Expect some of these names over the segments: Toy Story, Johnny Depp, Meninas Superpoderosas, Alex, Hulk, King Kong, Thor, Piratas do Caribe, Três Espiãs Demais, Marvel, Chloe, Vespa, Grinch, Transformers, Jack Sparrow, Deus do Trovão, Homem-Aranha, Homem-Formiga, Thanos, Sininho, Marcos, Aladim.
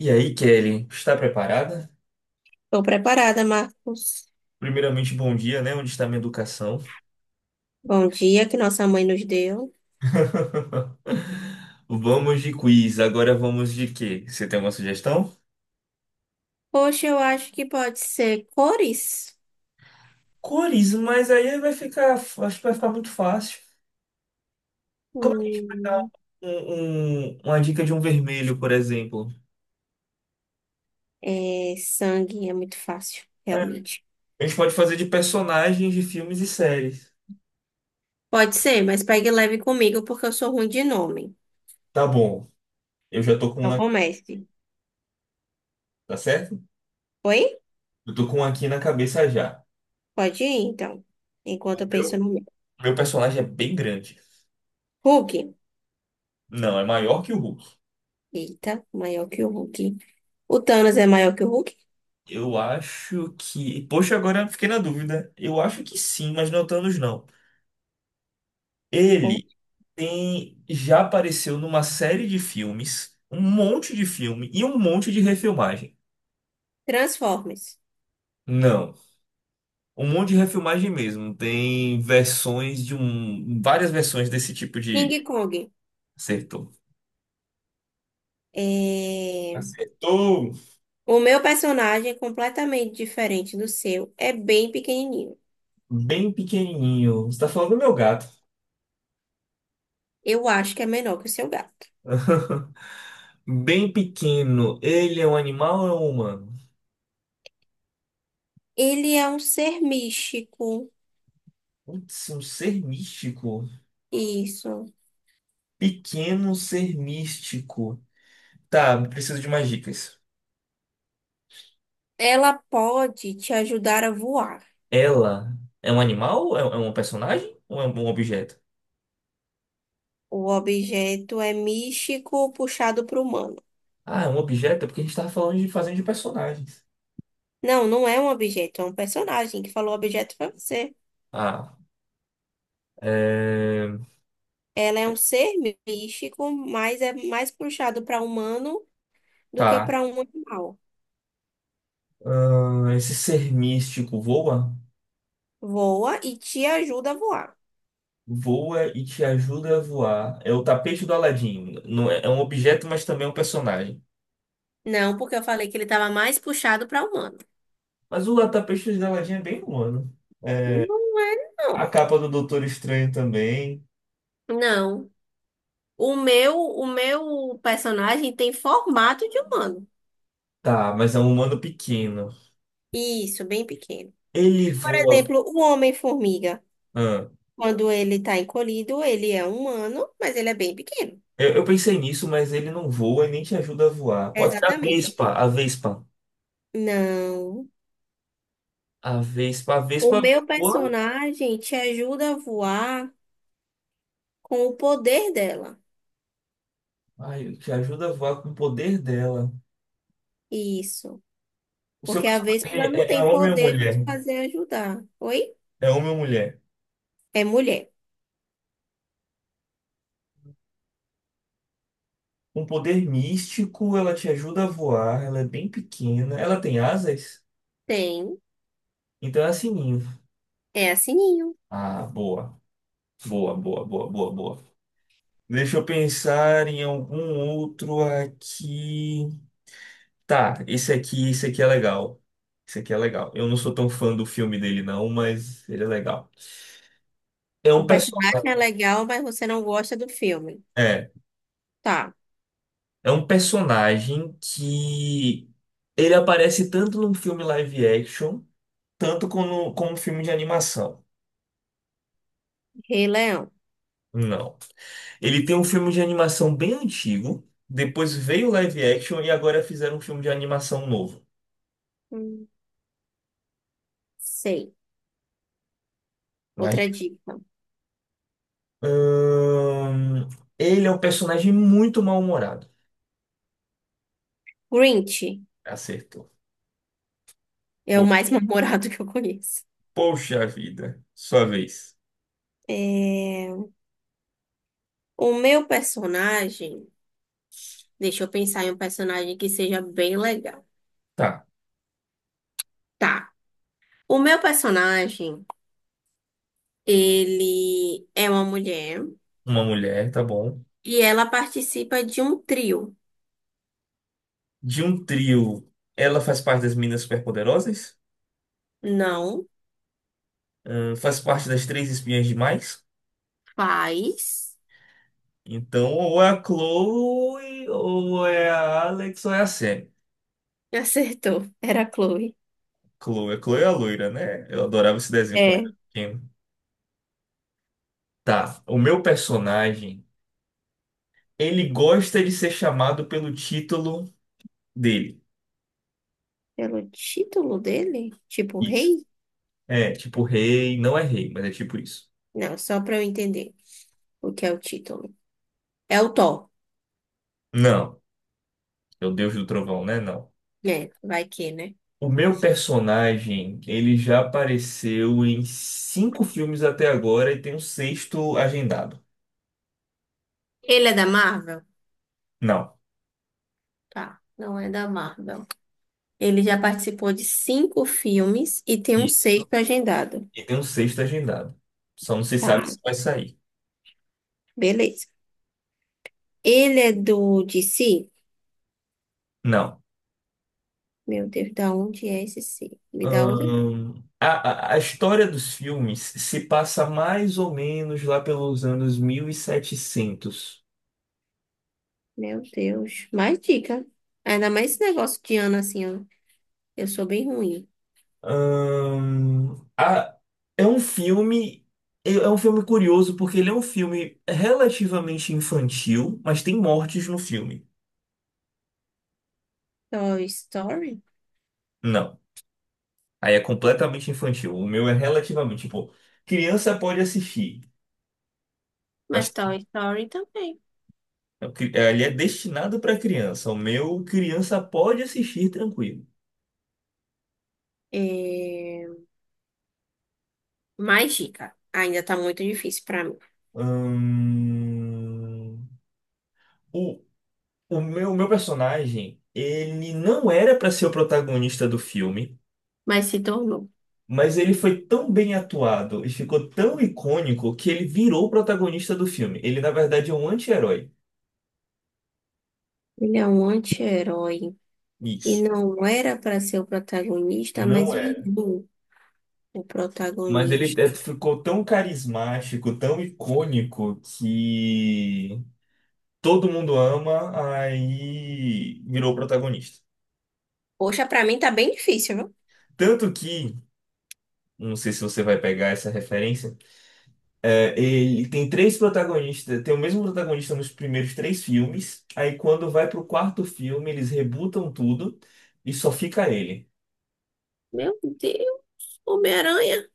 E aí, Kelly, está preparada? Estou preparada, Marcos. Primeiramente, bom dia, né? Onde está minha educação? Bom dia que nossa mãe nos deu. Vamos de quiz. Agora vamos de quê? Você tem alguma sugestão? Poxa, eu acho que pode ser cores. Cores, mas aí vai ficar, acho que vai ficar muito fácil. Como é que a gente vai dar Hum, uma dica de um vermelho, por exemplo? é, sangue é muito fácil, É, realmente. a gente pode fazer de personagens de filmes e séries. Pode ser, mas pegue leve comigo porque eu sou ruim de nome. Tá bom. Eu já tô com um, Então comece. tá certo? Oi? Eu tô com um aqui na cabeça já. Pode ir, então. Enquanto O eu penso meu, no meu. meu personagem é bem grande. Hulk. Não, é maior que o Hulk. Eita, maior que o Hulk. O Thanos é maior que o Hulk? Eu acho que. Poxa, agora eu fiquei na dúvida. Eu acho que sim, mas não é o Thanos, não. Ele tem... já apareceu numa série de filmes, um monte de filme e um monte de refilmagem. Transformers. Não, um monte de refilmagem mesmo. Tem versões de um. Várias versões desse tipo de. King Kong. Acertou. É... Acertou! O meu personagem é completamente diferente do seu, é bem pequenininho. Bem pequenininho. Você tá falando do meu gato. Eu acho que é menor que o seu gato. Bem pequeno. Ele é um animal ou é um humano? Ele é um ser místico. Putz, é um ser místico. Isso. Pequeno ser místico. Tá, preciso de mais dicas. Ela pode te ajudar a voar. Ela é um animal? É um personagem? Ou é um objeto? O objeto é místico puxado para o humano. Ah, é um objeto? É porque a gente tava falando de fazendo de personagens. Não, não é um objeto, é um personagem que falou objeto para você. Ah, é... Ela é um ser místico, mas é mais puxado para humano do que Tá. para um animal. Esse ser místico voa? Voa e te ajuda a voar. Voa e te ajuda a voar. É o tapete do Aladim. Não é, é um objeto, mas também é um personagem. Não, porque eu falei que ele estava mais puxado para humano. Mas o tapete do Aladim é bem humano. Não é, A não. capa do Doutor Estranho também. Não. O meu personagem tem formato de humano. Tá, mas é um humano pequeno. Isso, bem pequeno. Ele Por voa. exemplo, o Homem-Formiga, Ah, quando ele está encolhido, ele é humano, mas ele é bem pequeno. eu pensei nisso, mas ele não voa e nem te ajuda a voar. Pode ser a Exatamente. Vespa, a Vespa. Não. A Vespa, a O Vespa meu voa, personagem te ajuda a voar com o poder dela. ai, te ajuda a voar com o poder dela. Isso. O seu Porque a personagem Vespa ela é, não é é tem homem ou poder para mulher? te fazer ajudar. Oi? É homem ou mulher? É mulher. Um poder místico, ela te ajuda a voar, ela é bem pequena, ela tem asas, Tem. então é assim ninho. É a Sininho. Ah, boa, boa, boa, boa, boa, boa. Deixa eu pensar em algum outro aqui. Tá, esse aqui é legal. Esse aqui é legal. Eu não sou tão fã do filme dele, não, mas ele é legal. É O um personagem é personagem. legal, mas você não gosta do filme. É, Tá. é um personagem que ele aparece tanto num filme live action, tanto como um filme de animação. Rei Leão. Não. Ele tem um filme de animação bem antigo, depois veio o live action e agora fizeram um filme de animação novo. Hum, sei. Mas, Outra dica. hum, ele é um personagem muito mal-humorado. Grinch Acertou. é o mais memorado que eu conheço. Poxa vida, sua vez. É. O meu personagem. Deixa eu pensar em um personagem que seja bem legal. Tá, Tá. O meu personagem, ele é uma mulher uma mulher, tá bom. e ela participa de um trio. De um trio, ela faz parte das Meninas Superpoderosas, Não faz parte das Três Espiãs Demais. faz. Então, ou é a Chloe, ou é a Alex, ou é a Sam. Acertou. Era a Chloe. Chloe, a Chloe é a loira, né? Eu adorava esse desenho quando É. era pequeno. Tá, o meu personagem, ele gosta de ser chamado pelo título dele. Pelo título dele? Tipo Isso. rei? É, tipo rei, não é rei, mas é tipo isso. Não, só pra eu entender o que é o título. É o Thor, Não, é o Deus do Trovão, né? Não. né? Vai que, né? O meu personagem, ele já apareceu em cinco filmes até agora e tem um sexto agendado. Ele é da Marvel? Não. Tá, não é da Marvel. Ele já participou de cinco filmes e tem um Isso. sexto agendado. E tem um sexto agendado. Só não se Tá, sabe se vai sair. beleza. Ele é do DC? Não. Meu Deus, da onde é esse C? Me dá outra? A história dos filmes se passa mais ou menos lá pelos anos 1700. Meu Deus, mais dica. Ainda mais esse negócio de ano assim, ó. Eu sou bem ruim. Ahn, a- é um filme. É um filme curioso porque ele é um filme relativamente infantil, mas tem mortes no filme. Toy Story? Não. Aí é completamente infantil. O meu é relativamente, tipo, criança pode assistir, Mas mas Toy Story também. Ele é destinado para criança. O meu, criança pode assistir tranquilo. É... Mais dica. Ainda tá muito difícil pra mim. Hum, O, o meu personagem, ele não era para ser o protagonista do filme, Mas se tornou. mas ele foi tão bem atuado e ficou tão icônico que ele virou o protagonista do filme. Ele, na verdade, é um anti-herói. Ele é um anti-herói. E Isso. não era pra ser o protagonista, mas Não é. virou o Mas ele protagonista. é, ficou tão carismático, tão icônico, que todo mundo ama, aí virou protagonista. Poxa, pra mim tá bem difícil, viu? Tanto que, não sei se você vai pegar essa referência, é, ele tem três protagonistas, tem o mesmo protagonista nos primeiros três filmes, aí quando vai pro quarto filme, eles rebutam tudo e só fica ele. Meu Deus, Homem-Aranha.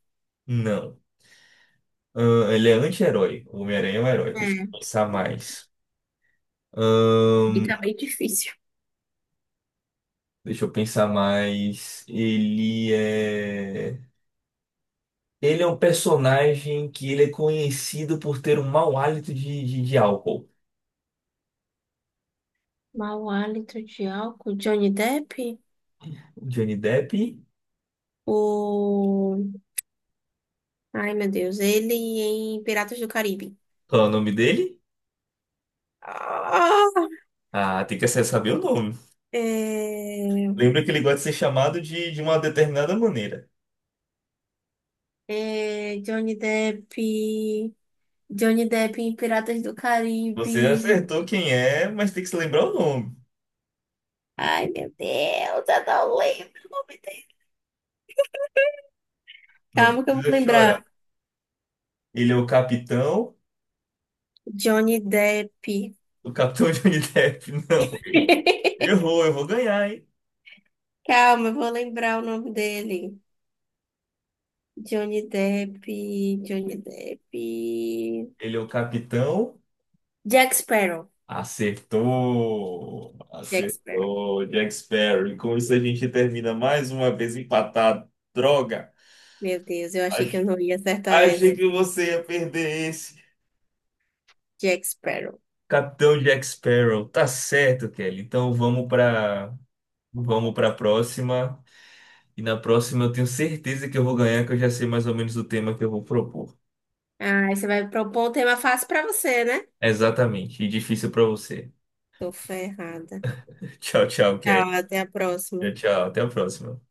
Não. Ele é anti-herói. O Homem-Aranha é um herói, deixa eu É, pensar mais. e tá bem difícil. Deixa eu pensar mais. Ele é. Ele é um personagem que ele é conhecido por ter um mau hálito de álcool. Mau hálito de álcool, Johnny Depp? Johnny Depp. O... Ai, meu Deus, ele em Piratas do Caribe. Qual é o nome dele? Ah, Ah, tem que acessar- saber o nome. é... Lembra que ele gosta de ser chamado de uma determinada maneira. É, Johnny Depp, Johnny Depp em Piratas do Você já Caribe. acertou quem é, mas tem que se lembrar o nome. Ai, meu Deus, eu não lembro o nome dele. Não Calma que eu vou precisa chorar. lembrar. Ele é o capitão. Johnny Depp. O capitão Johnny Depp, não. Errou, eu vou ganhar, hein? Calma, eu vou lembrar o nome dele. Johnny Depp, Johnny Depp. Ele é o capitão. Jack Sparrow. Acertou! Jack Sparrow. Acertou, Jack Sparrow. E com isso a gente termina mais uma vez empatado. Droga! Meu Deus, eu achei que Ach- eu não ia acertar Achei essa. que você ia perder esse. Jack Sparrow. Capitão Jack Sparrow. Tá certo, Kelly. Então vamos para a próxima. E na próxima eu tenho certeza que eu vou ganhar, que eu já sei mais ou menos o tema que eu vou propor. Ah, você vai propor um tema fácil pra você, né? Exatamente. E difícil para você. Tô ferrada. Tchau, tchau, Tchau, Kelly. até a Tchau, próxima. tchau. Até a próxima.